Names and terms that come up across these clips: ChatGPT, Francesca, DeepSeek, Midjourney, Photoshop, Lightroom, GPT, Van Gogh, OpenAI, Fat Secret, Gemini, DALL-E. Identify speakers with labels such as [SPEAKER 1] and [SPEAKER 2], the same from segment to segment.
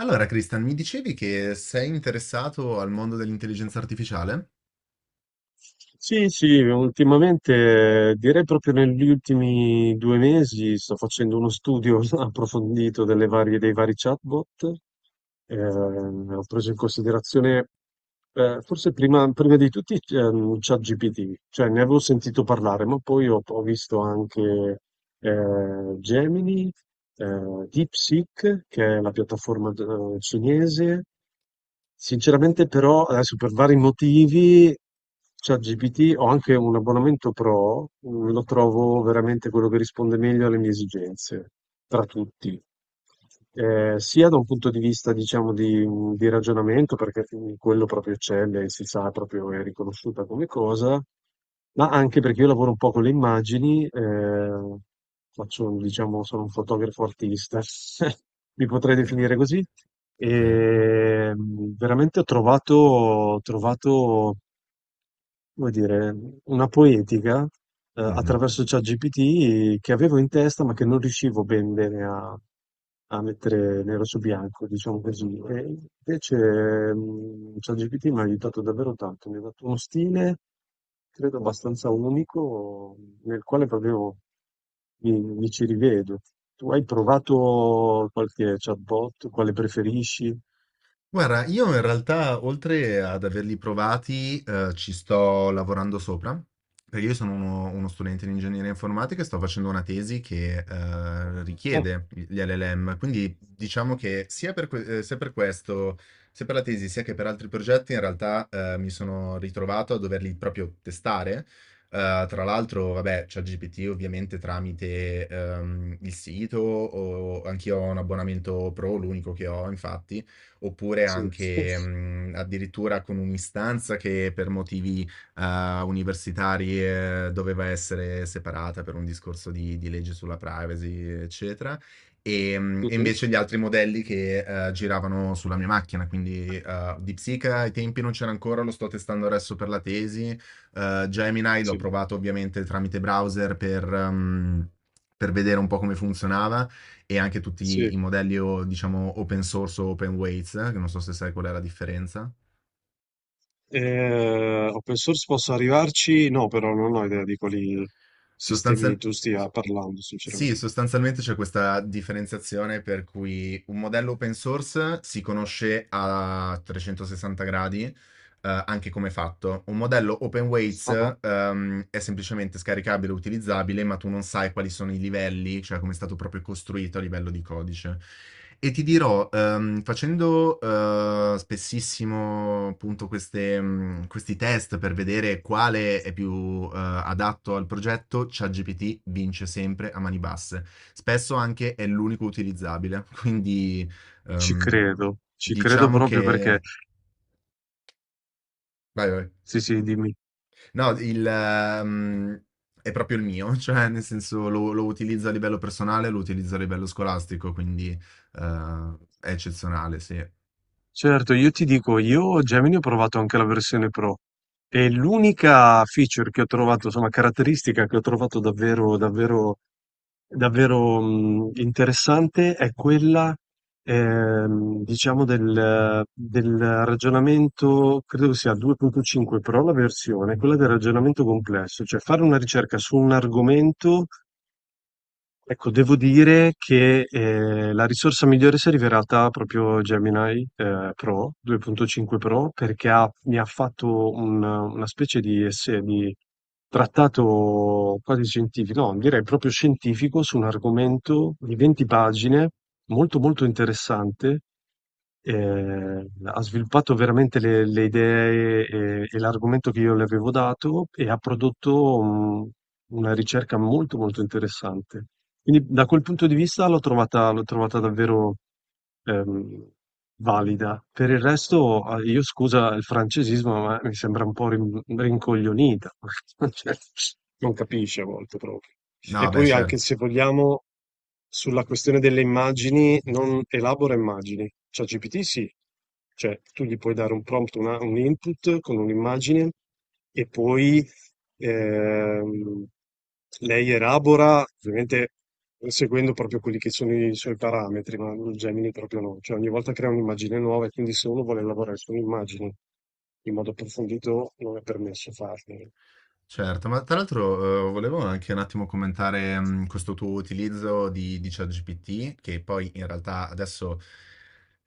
[SPEAKER 1] Allora, Christian, mi dicevi che sei interessato al mondo dell'intelligenza artificiale?
[SPEAKER 2] Sì, sì, ultimamente direi proprio negli ultimi 2 mesi sto facendo uno studio approfondito dei vari chatbot. Ho preso in considerazione, forse prima di tutti, ChatGPT, cioè ne avevo sentito parlare, ma poi ho visto anche Gemini, DeepSeek, che è la piattaforma cinese. Sinceramente, però, adesso per vari motivi, ChatGPT, ho anche un abbonamento Pro, lo trovo veramente quello che risponde meglio alle mie esigenze, tra tutti. Sia da un punto di vista diciamo di ragionamento perché, quello proprio eccelle, si sa proprio è riconosciuta come cosa, ma anche perché io lavoro un po' con le immagini, faccio diciamo sono un fotografo artista, mi potrei
[SPEAKER 1] Ok,
[SPEAKER 2] definire così.
[SPEAKER 1] ok.
[SPEAKER 2] Veramente ho trovato come dire, una poetica, attraverso ChatGPT che avevo in testa, ma che non riuscivo ben bene a mettere nero su bianco, diciamo così. E invece, ChatGPT mi ha aiutato davvero tanto, mi ha dato uno stile, credo abbastanza unico, nel quale proprio mi ci rivedo. Tu hai provato qualche chatbot? Quale preferisci?
[SPEAKER 1] Guarda, io in realtà oltre ad averli provati, ci sto lavorando sopra, perché io sono uno studente di ingegneria informatica e sto facendo una tesi che
[SPEAKER 2] Oh.
[SPEAKER 1] richiede gli LLM, quindi diciamo che sia per, sia per questo, sia per la tesi, sia che per altri progetti, in realtà mi sono ritrovato a doverli proprio testare. Tra l'altro, vabbè, c'è GPT ovviamente tramite il sito, o anch'io ho un abbonamento pro, l'unico che ho. Infatti oppure
[SPEAKER 2] Sì.
[SPEAKER 1] anche addirittura con un'istanza che per motivi universitari doveva essere separata per un discorso di legge sulla privacy, eccetera. E
[SPEAKER 2] Mh-mh.
[SPEAKER 1] invece gli altri modelli che giravano sulla mia macchina, quindi DeepSeek ai tempi non c'era ancora, lo sto testando adesso per la tesi. Gemini l'ho
[SPEAKER 2] Sì,
[SPEAKER 1] provato ovviamente tramite browser per vedere un po' come funzionava e anche tutti i
[SPEAKER 2] sì.
[SPEAKER 1] modelli o diciamo open source o open weights, che non so se sai qual è la differenza.
[SPEAKER 2] Open source posso arrivarci? No, però non ho idea di quali sistemi
[SPEAKER 1] Sostanzial-
[SPEAKER 2] tu stia parlando,
[SPEAKER 1] sì,
[SPEAKER 2] sinceramente.
[SPEAKER 1] sostanzialmente c'è questa differenziazione per cui un modello open source si conosce a 360 gradi anche come fatto. Un modello open
[SPEAKER 2] Ah-ah,
[SPEAKER 1] weights è semplicemente
[SPEAKER 2] ho
[SPEAKER 1] scaricabile
[SPEAKER 2] capito.
[SPEAKER 1] e utilizzabile, ma tu non sai quali sono i livelli, cioè come è stato proprio costruito a livello di codice. E ti dirò, facendo spessissimo appunto questi test per vedere quale è più adatto al progetto, ChatGPT vince sempre a mani basse. Spesso anche è l'unico utilizzabile, quindi ehm,
[SPEAKER 2] Ci credo
[SPEAKER 1] diciamo
[SPEAKER 2] proprio perché
[SPEAKER 1] che... Vai, vai.
[SPEAKER 2] sì, sì, dimmi.
[SPEAKER 1] No, è proprio il mio, cioè nel senso lo utilizzo a livello personale, lo utilizzo a livello scolastico, quindi è eccezionale, sì.
[SPEAKER 2] Certo, io ti dico, io Gemini ho provato anche la versione Pro e l'unica feature che ho trovato, insomma caratteristica che ho trovato davvero, davvero, interessante è quella, diciamo del ragionamento credo che sia 2.5 Pro la versione, quella del ragionamento complesso, cioè fare una ricerca su un argomento. Ecco, devo dire che la risorsa migliore si è rivelata proprio Gemini, Pro 2.5 Pro perché mi ha fatto una specie di, di trattato quasi scientifico, no, direi proprio scientifico su un argomento di 20 pagine, molto molto interessante. Ha sviluppato veramente le idee e l'argomento che io le avevo dato e ha prodotto una ricerca molto molto interessante. Quindi da quel punto di vista l'ho trovata davvero, ehm, valida. Per il resto, io scusa il francesismo, ma mi sembra un po' rincoglionita. Cioè, non capisce a volte proprio. E
[SPEAKER 1] No, beh,
[SPEAKER 2] poi anche
[SPEAKER 1] certo.
[SPEAKER 2] se vogliamo, sulla questione delle immagini, non elabora immagini. ChatGPT sì, cioè tu gli puoi dare un prompt, un input con un'immagine e poi ehm, lei elabora, ovviamente seguendo proprio quelli che sono i suoi parametri, ma il Gemini proprio no, cioè ogni volta crea un'immagine nuova e quindi se uno vuole lavorare su un'immagine in modo approfondito non è permesso farlo.
[SPEAKER 1] Certo, ma tra l'altro, volevo anche un attimo commentare, questo tuo utilizzo di ChatGPT, che poi in realtà adesso,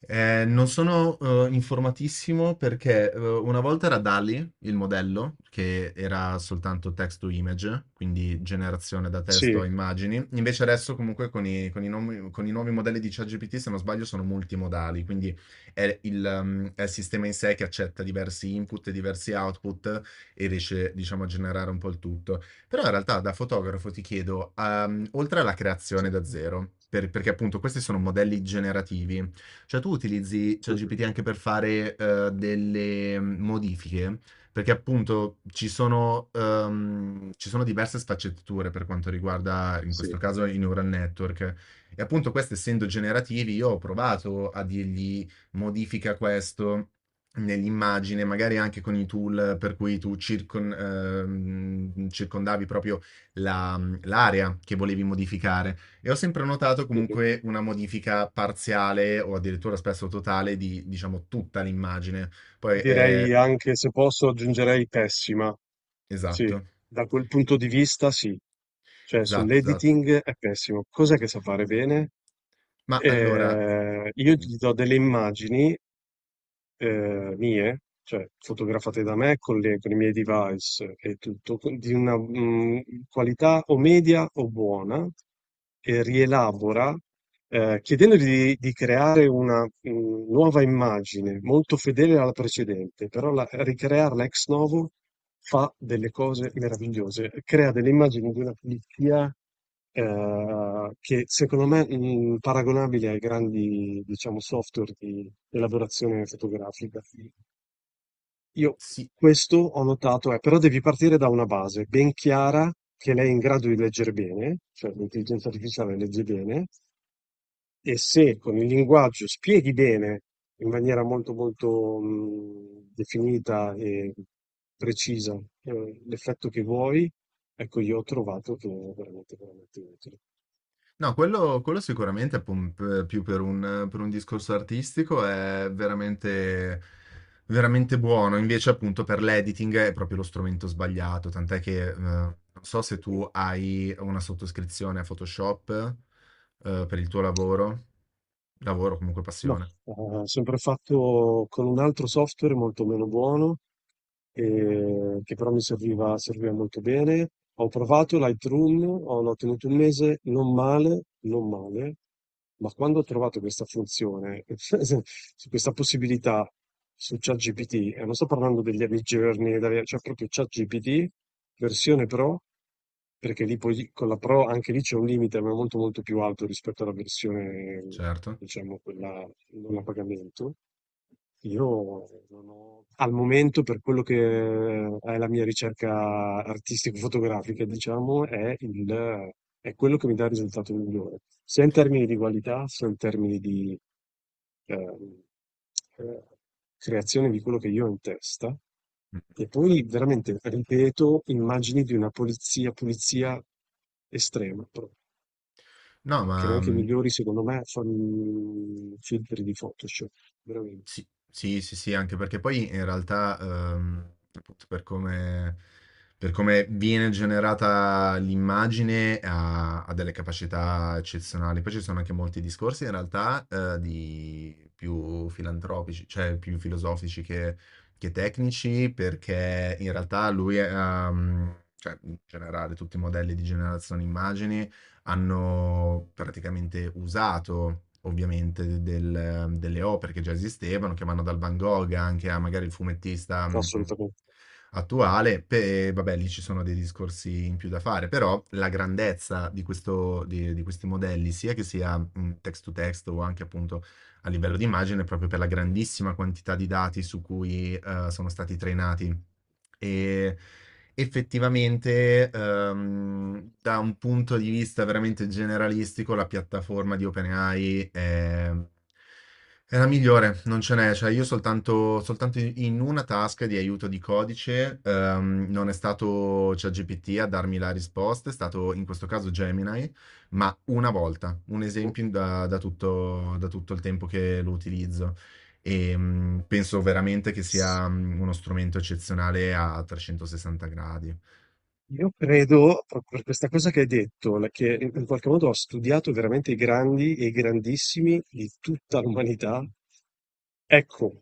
[SPEAKER 1] non sono, informatissimo perché, una volta era DALL-E il modello, che era soltanto text to image, quindi generazione da testo
[SPEAKER 2] Sì.
[SPEAKER 1] a immagini, invece adesso comunque con i nomi con i nuovi modelli di ChatGPT, se non sbaglio, sono multimodali, quindi è il è il sistema in sé che accetta diversi input e diversi output e riesce, diciamo, a generare un po' il tutto. Però in realtà da fotografo ti chiedo, oltre alla
[SPEAKER 2] Sì.
[SPEAKER 1] creazione da zero, perché appunto questi sono modelli generativi, cioè tu utilizzi
[SPEAKER 2] Mhm,
[SPEAKER 1] ChatGPT anche per fare modifiche, perché appunto ci sono diverse sfaccettature per quanto riguarda in
[SPEAKER 2] sì.
[SPEAKER 1] questo caso i neural network. E appunto questi essendo generativi, io ho provato a dirgli modifica questo nell'immagine, magari anche con i tool per cui tu circondavi proprio l'area che volevi modificare. E ho sempre notato
[SPEAKER 2] Mhm.
[SPEAKER 1] comunque una modifica parziale o addirittura spesso totale di, diciamo, tutta l'immagine. Poi è...
[SPEAKER 2] Direi anche, se posso, aggiungerei pessima. Sì,
[SPEAKER 1] Esatto,
[SPEAKER 2] da quel punto di vista sì. Cioè,
[SPEAKER 1] esatto, esatto.
[SPEAKER 2] sull'editing è pessimo. Cos'è che sa fare bene?
[SPEAKER 1] Ma allora,
[SPEAKER 2] Io gli do delle immagini mie, cioè fotografate da me con con i miei device e tutto, di una qualità o media o buona, e rielabora, chiedendogli di creare una nuova immagine molto fedele alla precedente, però ricrearla ex novo fa delle cose meravigliose, crea delle immagini di una pulizia che secondo me paragonabile ai grandi, diciamo, software di elaborazione fotografica. Io
[SPEAKER 1] sì.
[SPEAKER 2] questo ho notato, è, però devi partire da una base ben chiara che lei è in grado di leggere bene, cioè l'intelligenza artificiale legge bene, e se con il linguaggio spieghi bene in maniera molto molto definita e precisa, l'effetto che vuoi, ecco, io ho trovato che è veramente veramente utile.
[SPEAKER 1] No, quello sicuramente, pum p più per un discorso artistico è veramente veramente buono. Invece, appunto, per l'editing è proprio lo strumento sbagliato, tant'è che, non so se tu hai una sottoscrizione a Photoshop, per il tuo lavoro. Lavoro, comunque
[SPEAKER 2] No,
[SPEAKER 1] passione,
[SPEAKER 2] ho sempre fatto con un altro software molto meno buono, che però mi serviva molto bene. Ho provato Lightroom, ho l'ho tenuto un mese, non male, non male, ma quando ho trovato questa funzione, su questa possibilità su ChatGPT, e non sto parlando degli Midjourney, cioè proprio ChatGPT, versione Pro, perché lì poi con la Pro anche lì c'è un limite, ma è molto molto più alto rispetto alla versione,
[SPEAKER 1] certo.
[SPEAKER 2] diciamo, quella non a pagamento. Io non ho- al momento, per quello che è la mia ricerca artistico-fotografica, diciamo, è quello che mi dà il risultato migliore, sia in termini di qualità, sia in termini di, ehm, ehm, creazione di quello che io ho in testa.
[SPEAKER 1] Mh.
[SPEAKER 2] E poi veramente ripeto immagini di una pulizia estrema, proprio,
[SPEAKER 1] No,
[SPEAKER 2] che
[SPEAKER 1] ma,
[SPEAKER 2] neanche i
[SPEAKER 1] mhmm
[SPEAKER 2] migliori, secondo me, fanno filtri di Photoshop, veramente,
[SPEAKER 1] Sì, sì, sì, sì, anche perché poi in realtà, appunto, per come viene generata l'immagine, ha delle capacità eccezionali. Poi ci sono anche molti discorsi, in realtà, di più filantropici, cioè più filosofici che tecnici, perché in realtà cioè in generale, tutti i modelli di generazione immagini hanno praticamente usato ovviamente delle opere che già esistevano, che vanno dal Van Gogh anche a magari il fumettista
[SPEAKER 2] assolutamente.
[SPEAKER 1] attuale, vabbè, lì ci sono dei discorsi in più da fare, però la grandezza di questo, di questi modelli, sia che sia text to text o anche appunto a livello di immagine, proprio per la grandissima quantità di dati su cui sono stati trainati. E effettivamente, da un punto di vista veramente generalistico, la piattaforma di OpenAI è la migliore, non ce n'è. Cioè, io soltanto in una task di aiuto di codice, non è stato ChatGPT a darmi la risposta, è stato in questo caso Gemini, ma una volta, un
[SPEAKER 2] Boh.
[SPEAKER 1] esempio da tutto il tempo che lo utilizzo. E penso veramente che sia uno strumento eccezionale a 360 gradi,
[SPEAKER 2] Io credo, proprio per questa cosa che hai detto, che in qualche modo ha studiato veramente i grandi e i grandissimi di tutta l'umanità, ecco,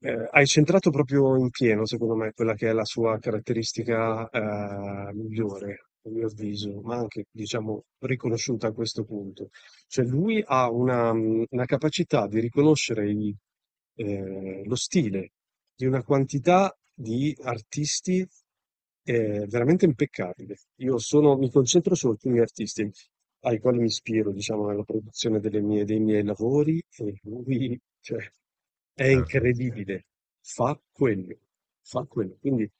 [SPEAKER 2] hai centrato proprio in pieno, secondo me, quella che è la sua caratteristica, migliore, a mio avviso, ma anche, diciamo, riconosciuta a questo punto. Cioè lui ha una capacità di riconoscere lo stile di una quantità di artisti, veramente impeccabile. Io mi concentro su alcuni artisti ai quali mi ispiro, diciamo, nella produzione dei miei lavori e lui, cioè, è
[SPEAKER 1] certo.
[SPEAKER 2] incredibile. Fa quello, fa quello. Quindi.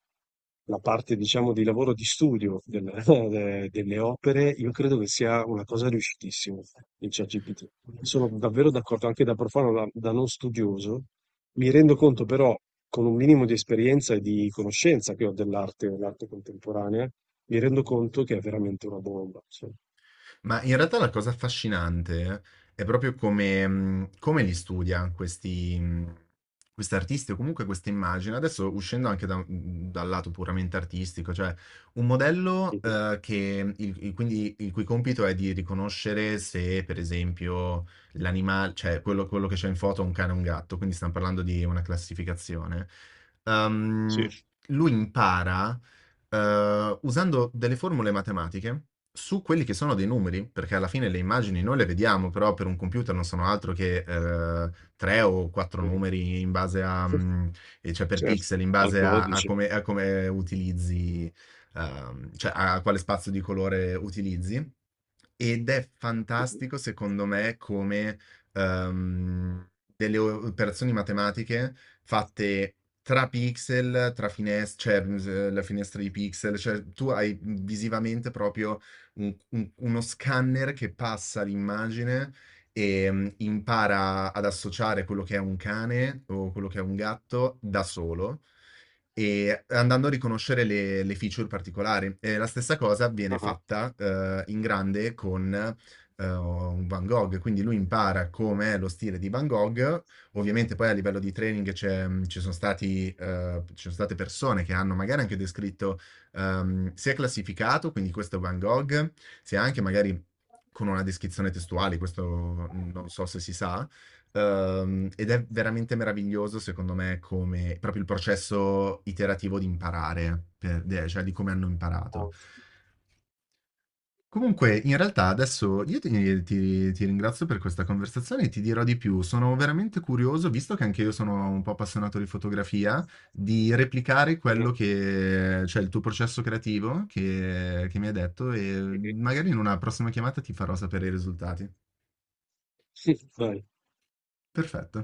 [SPEAKER 2] La parte diciamo di lavoro di studio del de delle opere, io credo che sia una cosa riuscitissima il ChatGPT. Sono davvero d'accordo, anche da profano, da non studioso. Mi rendo conto però, con un minimo di esperienza e di conoscenza che ho dell'arte, dell'arte contemporanea, mi rendo conto che è veramente una bomba. Cioè.
[SPEAKER 1] Ma in realtà la cosa affascinante è proprio come li studia questi artisti o comunque queste immagini. Adesso uscendo anche dal lato puramente artistico, cioè un modello
[SPEAKER 2] Mhm.
[SPEAKER 1] che quindi il cui compito è di riconoscere se, per esempio, l'animale, cioè quello che c'è in foto è un cane o un gatto, quindi stiamo parlando di una classificazione.
[SPEAKER 2] Sì,
[SPEAKER 1] Ehm, lui impara usando delle formule matematiche su quelli che sono dei numeri, perché alla fine le immagini noi le vediamo, però per un computer non sono altro che tre o quattro
[SPEAKER 2] vero.
[SPEAKER 1] numeri in base a, e cioè per
[SPEAKER 2] Certo,
[SPEAKER 1] pixel, in
[SPEAKER 2] al
[SPEAKER 1] base a,
[SPEAKER 2] codice.
[SPEAKER 1] a come utilizzi, cioè a quale spazio di colore utilizzi. Ed è
[SPEAKER 2] Mhm.
[SPEAKER 1] fantastico, secondo me, come ehm, delle operazioni matematiche fatte tra pixel, tra finestre, cioè la finestra di pixel, cioè tu hai visivamente proprio un- uno scanner che passa l'immagine e impara ad associare quello che è un cane o quello che è un gatto da solo e andando a riconoscere le feature particolari. E la stessa cosa viene
[SPEAKER 2] Ah-ah,
[SPEAKER 1] fatta in grande con un Van Gogh, quindi lui impara com'è lo stile di Van Gogh. Ovviamente poi a livello di training ci sono stati, ci sono state persone che hanno magari anche descritto, si è classificato, quindi questo è Van Gogh, sia anche magari con una descrizione testuale, questo non so se si sa. Ed è veramente meraviglioso, secondo me, come proprio il processo iterativo di imparare, cioè di come hanno imparato. Comunque, in realtà adesso io ti ringrazio per questa conversazione e ti dirò di più. Sono veramente curioso, visto che anche io sono un po' appassionato di fotografia, di replicare
[SPEAKER 2] ottimo.
[SPEAKER 1] quello che, cioè il tuo processo creativo che mi hai detto, e magari in una prossima chiamata ti farò sapere i risultati.
[SPEAKER 2] Mh-mh.
[SPEAKER 1] Perfetto.